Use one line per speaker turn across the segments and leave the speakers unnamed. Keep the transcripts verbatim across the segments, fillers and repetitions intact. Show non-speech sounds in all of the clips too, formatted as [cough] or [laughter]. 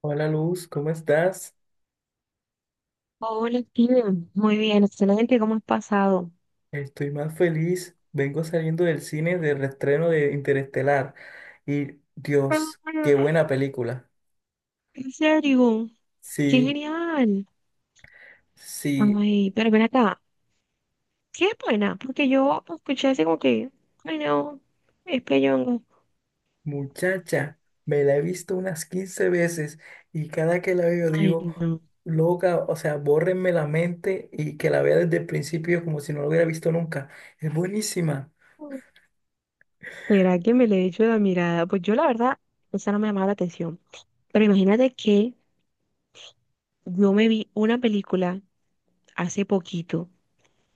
Hola Luz, ¿cómo estás?
Hola, Steven. Muy bien, excelente. ¿Cómo has pasado?
Estoy más feliz. Vengo saliendo del cine del reestreno de Interestelar. Y Dios, qué
Ah,
buena película.
¿en serio? ¡Qué
Sí,
genial!
sí,
Ay, pero ven acá. ¿Qué es buena? Porque yo escuché así como que, ay, no, es peyongo.
muchacha, me la he visto unas quince veces y cada que la veo
Ay,
digo,
no.
loca, o sea, bórrenme la mente y que la vea desde el principio como si no la hubiera visto nunca. Es buenísima.
¿Será que me le echo la mirada? Pues yo, la verdad, esa no me llamaba la atención. Pero imagínate que yo me vi una película hace poquito.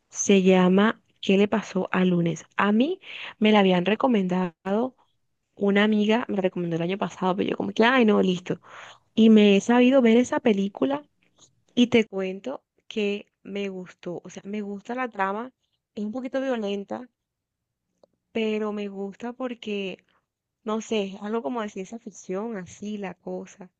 Se llama ¿Qué le pasó a lunes? A mí me la habían recomendado. Una amiga me recomendó el año pasado, pero yo como que, ay, no, listo. Y me he sabido ver esa película y te cuento que me gustó. O sea, me gusta la trama, es un poquito violenta, pero me gusta porque, no sé, es algo como de ciencia ficción, así la cosa.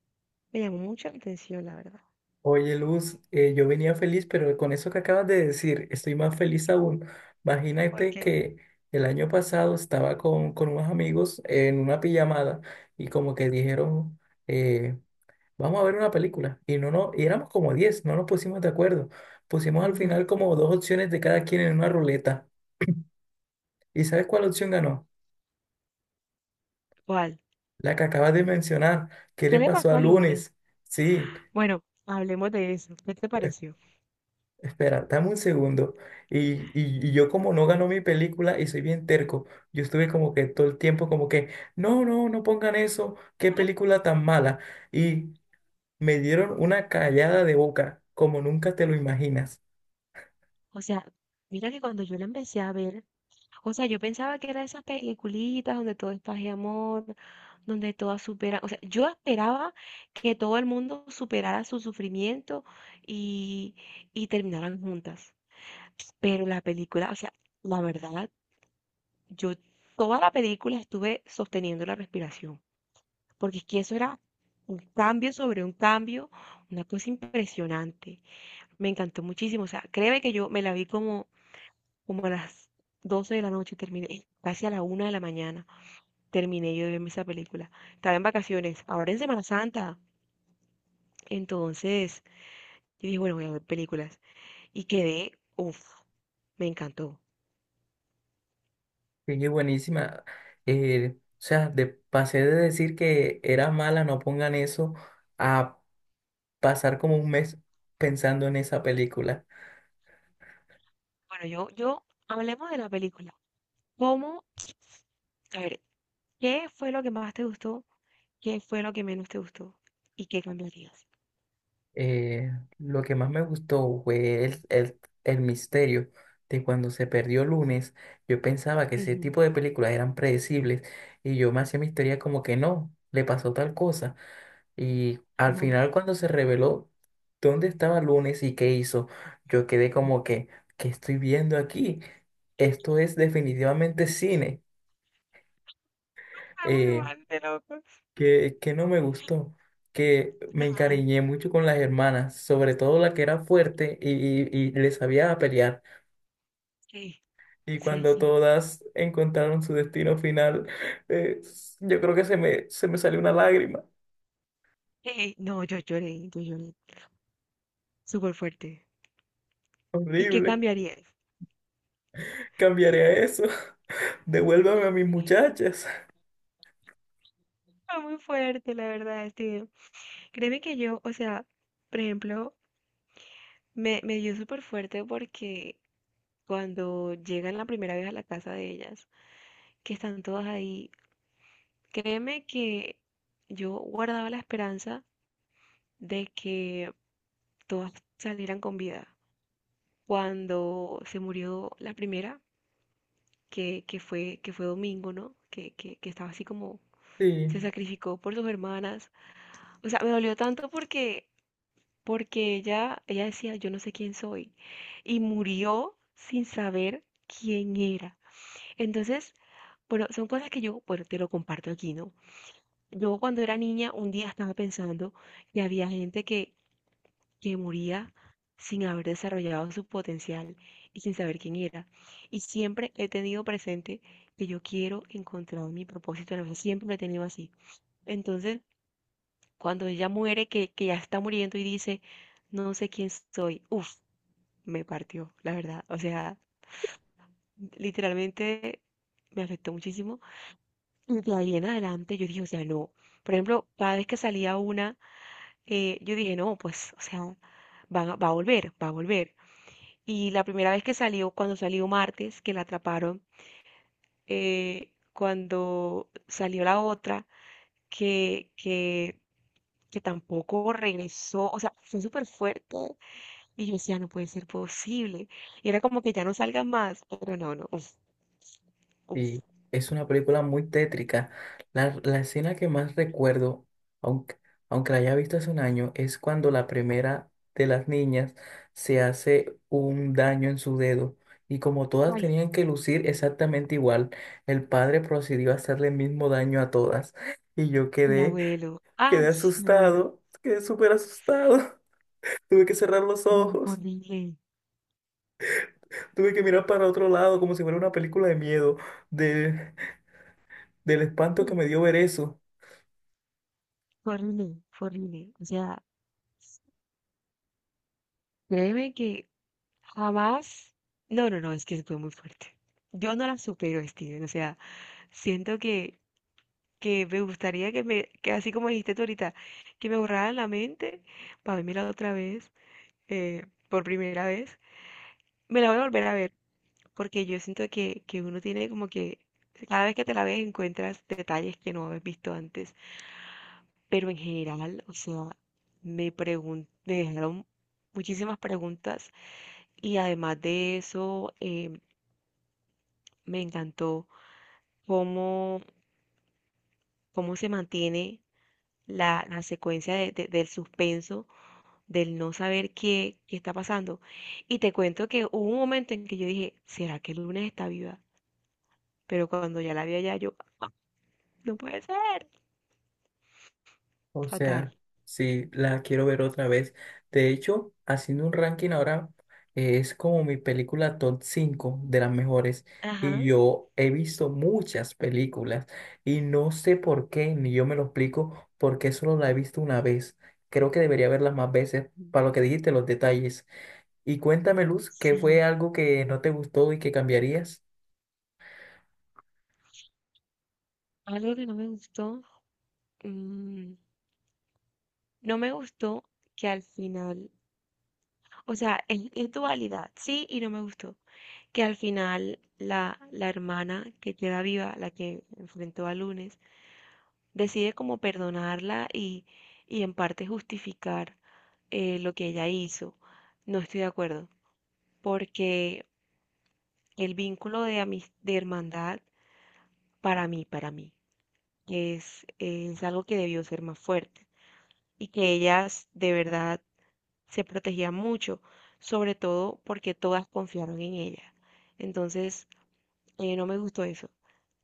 Me llamó mucho la atención, la verdad.
Oye, Luz, eh, yo venía feliz, pero con eso que acabas de decir, estoy más feliz aún. Imagínate
Porque,
que el año pasado estaba con, con unos amigos en una pijamada y como que dijeron, eh, vamos a ver una película. Y no, no, y éramos como diez, no nos pusimos de acuerdo. Pusimos al
ajá,
final como dos opciones de cada quien en una ruleta. ¿Y sabes cuál opción ganó?
¿cuál?
La que acabas de mencionar. ¿Qué le
¿Qué le
pasó
pasó
a
al lunes?
Lunes? Sí.
Bueno, hablemos de eso. ¿Qué te pareció?
Espera, dame un segundo. Y, y, y yo como no ganó mi película y soy bien terco, yo estuve como que todo el tiempo como que, no, no, no pongan eso, qué película tan mala. Y me dieron una callada de boca, como nunca te lo imaginas.
O sea, mira que cuando yo la empecé a ver, o sea, yo pensaba que era esas peliculitas donde todo es paz y amor, donde todas superan. O sea, yo esperaba que todo el mundo superara su sufrimiento y, y terminaran juntas. Pero la película, o sea, la verdad, yo toda la película estuve sosteniendo la respiración. Porque es que eso era un cambio sobre un cambio, una cosa impresionante. Me encantó muchísimo. O sea, créeme que yo me la vi como, como a las doce de la noche y terminé casi a la una de la mañana. Terminé yo de verme esa película. Estaba en vacaciones, ahora en Semana Santa. Entonces, yo dije, bueno, voy a ver películas. Y quedé, uff, me encantó.
Sí, es buenísima. Eh, o sea, de, pasé de decir que era mala, no pongan eso, a pasar como un mes pensando en esa película.
Bueno, yo, yo, hablemos de la película. ¿Cómo? A ver, ¿qué fue lo que más te gustó? ¿Qué fue lo que menos te gustó? ¿Y qué cambiarías?
eh, lo que más me gustó fue el, el, el misterio de cuando se perdió lunes. Yo pensaba que ese
Ujú,
tipo de películas eran predecibles y yo me hacía mi historia como que no, le pasó tal cosa. Y al
ajá,
final cuando se reveló dónde estaba lunes y qué hizo, yo quedé
ujú.
como que, ¿qué estoy viendo aquí? Esto es definitivamente cine.
Ah, muy
eh
mal, de locos.
que, que no me gustó, que me
Ajá,
encariñé mucho con las hermanas, sobre todo la que era fuerte y, y, y le sabía pelear.
sí,
Y
sí,
cuando
sí.
todas encontraron su destino final, [laughs] eh, s- yo creo que se me, se me salió una lágrima.
Eh, no, yo lloré, yo lloré. Súper fuerte. ¿Y qué
Horrible.
cambiarías?
Cambiaré a eso. [laughs] Devuélvame a mis muchachas.
Fue muy fuerte, la verdad, este, créeme que yo, o sea, por ejemplo, me, me dio súper fuerte porque cuando llegan la primera vez a la casa de ellas, que están todas ahí, créeme que yo guardaba la esperanza de que todas salieran con vida. Cuando se murió la primera, que, que fue, que fue Domingo, ¿no? Que, que, que estaba así como,
[laughs]
se
Sí.
sacrificó por sus hermanas. O sea, me dolió tanto porque porque ella, ella decía, yo no sé quién soy, y murió sin saber quién era. Entonces, bueno, son cosas que yo, bueno, te lo comparto aquí, ¿no? Yo cuando era niña, un día estaba pensando que había gente que, que moría sin haber desarrollado su potencial y sin saber quién era. Y siempre he tenido presente que yo quiero encontrar mi propósito en la vida, siempre lo he tenido así. Entonces, cuando ella muere, que, que ya está muriendo y dice, no sé quién soy, uff, me partió, la verdad. O sea, literalmente me afectó muchísimo. Y de ahí en adelante yo dije, o sea, no. Por ejemplo, cada vez que salía una, eh, yo dije, no, pues, o sea, van a- va a volver, va a volver. Y la primera vez que salió, cuando salió martes, que la atraparon, eh, cuando salió la otra, que, que, que tampoco regresó, o sea, fue súper fuerte. Y yo decía, no puede ser posible. Y era como que ya no salgan más, pero no, no. Uf, uf.
Sí, es una película muy tétrica. La, la escena que más recuerdo, aunque, aunque la haya visto hace un año, es cuando la primera de las niñas se hace un daño en su dedo. Y como todas
Ay,
tenían que lucir exactamente igual, el padre procedió a hacerle el mismo daño a todas. Y yo
un
quedé,
abuelo. ¡Ah!
quedé
Me muero.
asustado, quedé súper asustado. [laughs] Tuve que cerrar los
Mm, Fue
ojos,
horrible.
tuve que mirar para otro lado como si fuera una película de miedo, de, del espanto que
Mm,
me dio ver eso.
Fue horrible, fue horrible. O sea, créeme que jamás. No, no, no, es que fue muy fuerte. Yo no la supero, Steven. O sea, siento que, que me gustaría que me, que así como dijiste tú ahorita, que me borraran la mente para la otra vez, eh, por primera vez. Me la voy a volver a ver, porque yo siento que, que uno tiene como que cada vez que te la ves encuentras detalles que no habías visto antes. Pero en general, o sea, me pregun- me dejaron muchísimas preguntas y además de eso, eh, me encantó cómo, cómo se mantiene la, la secuencia de- de- del suspenso, del no saber qué, qué está pasando. Y te cuento que hubo un momento en que yo dije, ¿será que Lunes está viva? Pero cuando ya la vi allá, yo, no puede ser.
O
Fatal.
sea, sí, la quiero ver otra vez. De hecho, haciendo un ranking ahora, eh, es como mi película top cinco de las mejores. Y
Ajá.
yo he visto muchas películas y no sé por qué, ni yo me lo explico, porque solo la he visto una vez. Creo que debería verlas más veces
Ujú.
para lo que dijiste, los detalles. Y cuéntame, Luz, ¿qué fue
Sí.
algo que no te gustó y que cambiarías?
Algo que no me gustó. mm, No me gustó que al final, o sea, es, es dualidad, sí y no me gustó, que al final la, la hermana que queda viva, la que enfrentó a Lunes, decide como perdonarla y, y en parte justificar eh, lo que ella hizo. No estoy de acuerdo, porque el vínculo de, amis- de hermandad, para mí, para mí, es, es algo que debió ser más fuerte y que ellas de verdad se protegía mucho, sobre todo porque todas confiaron en ella. Entonces, eh, no me gustó eso,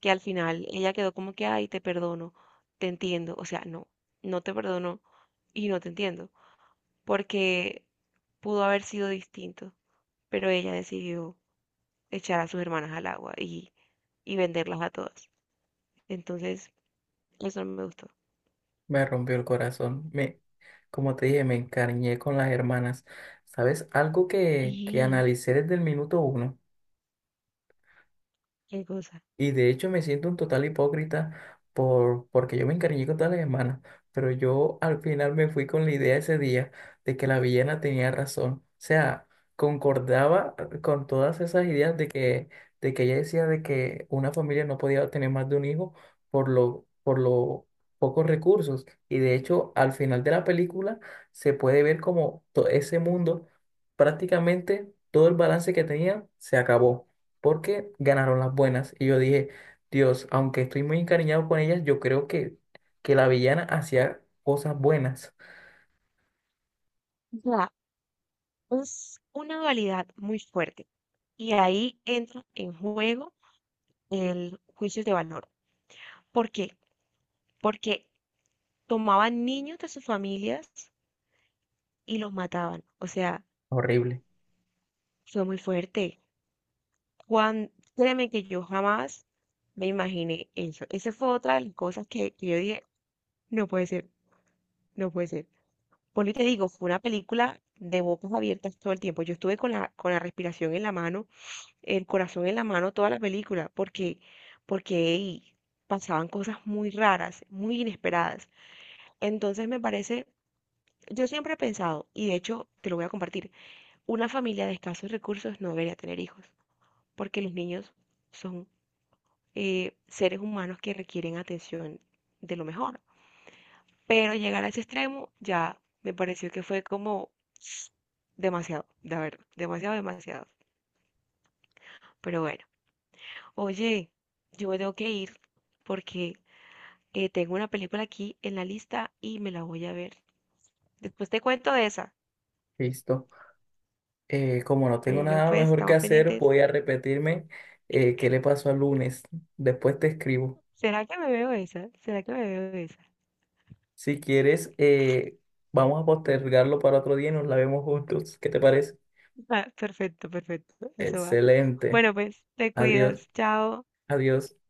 que al final ella quedó como que, ay, te perdono, te entiendo, o sea, no, no te perdono y no te entiendo, porque pudo haber sido distinto, pero ella decidió echar a sus hermanas al agua y, y venderlas a todas. Entonces, eso no me gustó.
Me rompió el corazón. Me, como te dije, me encariñé con las hermanas. ¿Sabes? Algo que, que
Y
analicé desde el minuto uno.
qué cosa.
Y de hecho me siento un total hipócrita por, porque yo me encariñé con todas las hermanas, pero yo al final me fui con la idea ese día de que la villana tenía razón. O sea, concordaba con todas esas ideas de que, de que ella decía de que una familia no podía tener más de un hijo por lo, por lo pocos recursos. Y de hecho, al final de la película se puede ver como todo ese mundo, prácticamente todo el balance que tenía se acabó porque ganaron las buenas. Y yo dije, Dios, aunque estoy muy encariñado con ellas, yo creo que, que la villana hacía cosas buenas.
O sea, es una dualidad muy fuerte. Y ahí entra en juego el juicio de valor. ¿Por qué? Porque tomaban niños de sus familias y los mataban. O sea,
Horrible.
fue muy fuerte. Juan, créeme que yo jamás me imaginé eso. Esa fue otra de las cosas que, que yo dije, no puede ser, no puede ser. Por lo que te digo, fue una película de bocas abiertas todo el tiempo. Yo estuve con la, con la respiración en la mano, el corazón en la mano toda la película, porque, porque ey, pasaban cosas muy raras, muy inesperadas. Entonces me parece, yo siempre he pensado, y de hecho te lo voy a compartir, una familia de escasos recursos no debería tener hijos, porque los niños son eh, seres humanos que requieren atención de lo mejor. Pero llegar a ese extremo ya me pareció que fue como [tsk] demasiado, de verdad, demasiado, demasiado. Pero bueno, oye, yo me tengo que ir porque Eh, tengo una película aquí en la lista y me la voy a ver. Después te cuento de esa.
Listo. Eh, como no tengo
Bueno,
nada
pues
mejor que
estamos
hacer,
pendientes.
voy a repetirme eh, qué le pasó al lunes. Después te escribo.
¿Será que me veo esa? ¿Será que me veo esa?
Si quieres, eh, vamos a postergarlo para otro día y nos la vemos juntos. ¿Qué te parece?
Ah, perfecto, perfecto. Eso va.
Excelente.
Bueno, pues te
Adiós.
cuidas. Chao.
Adiós.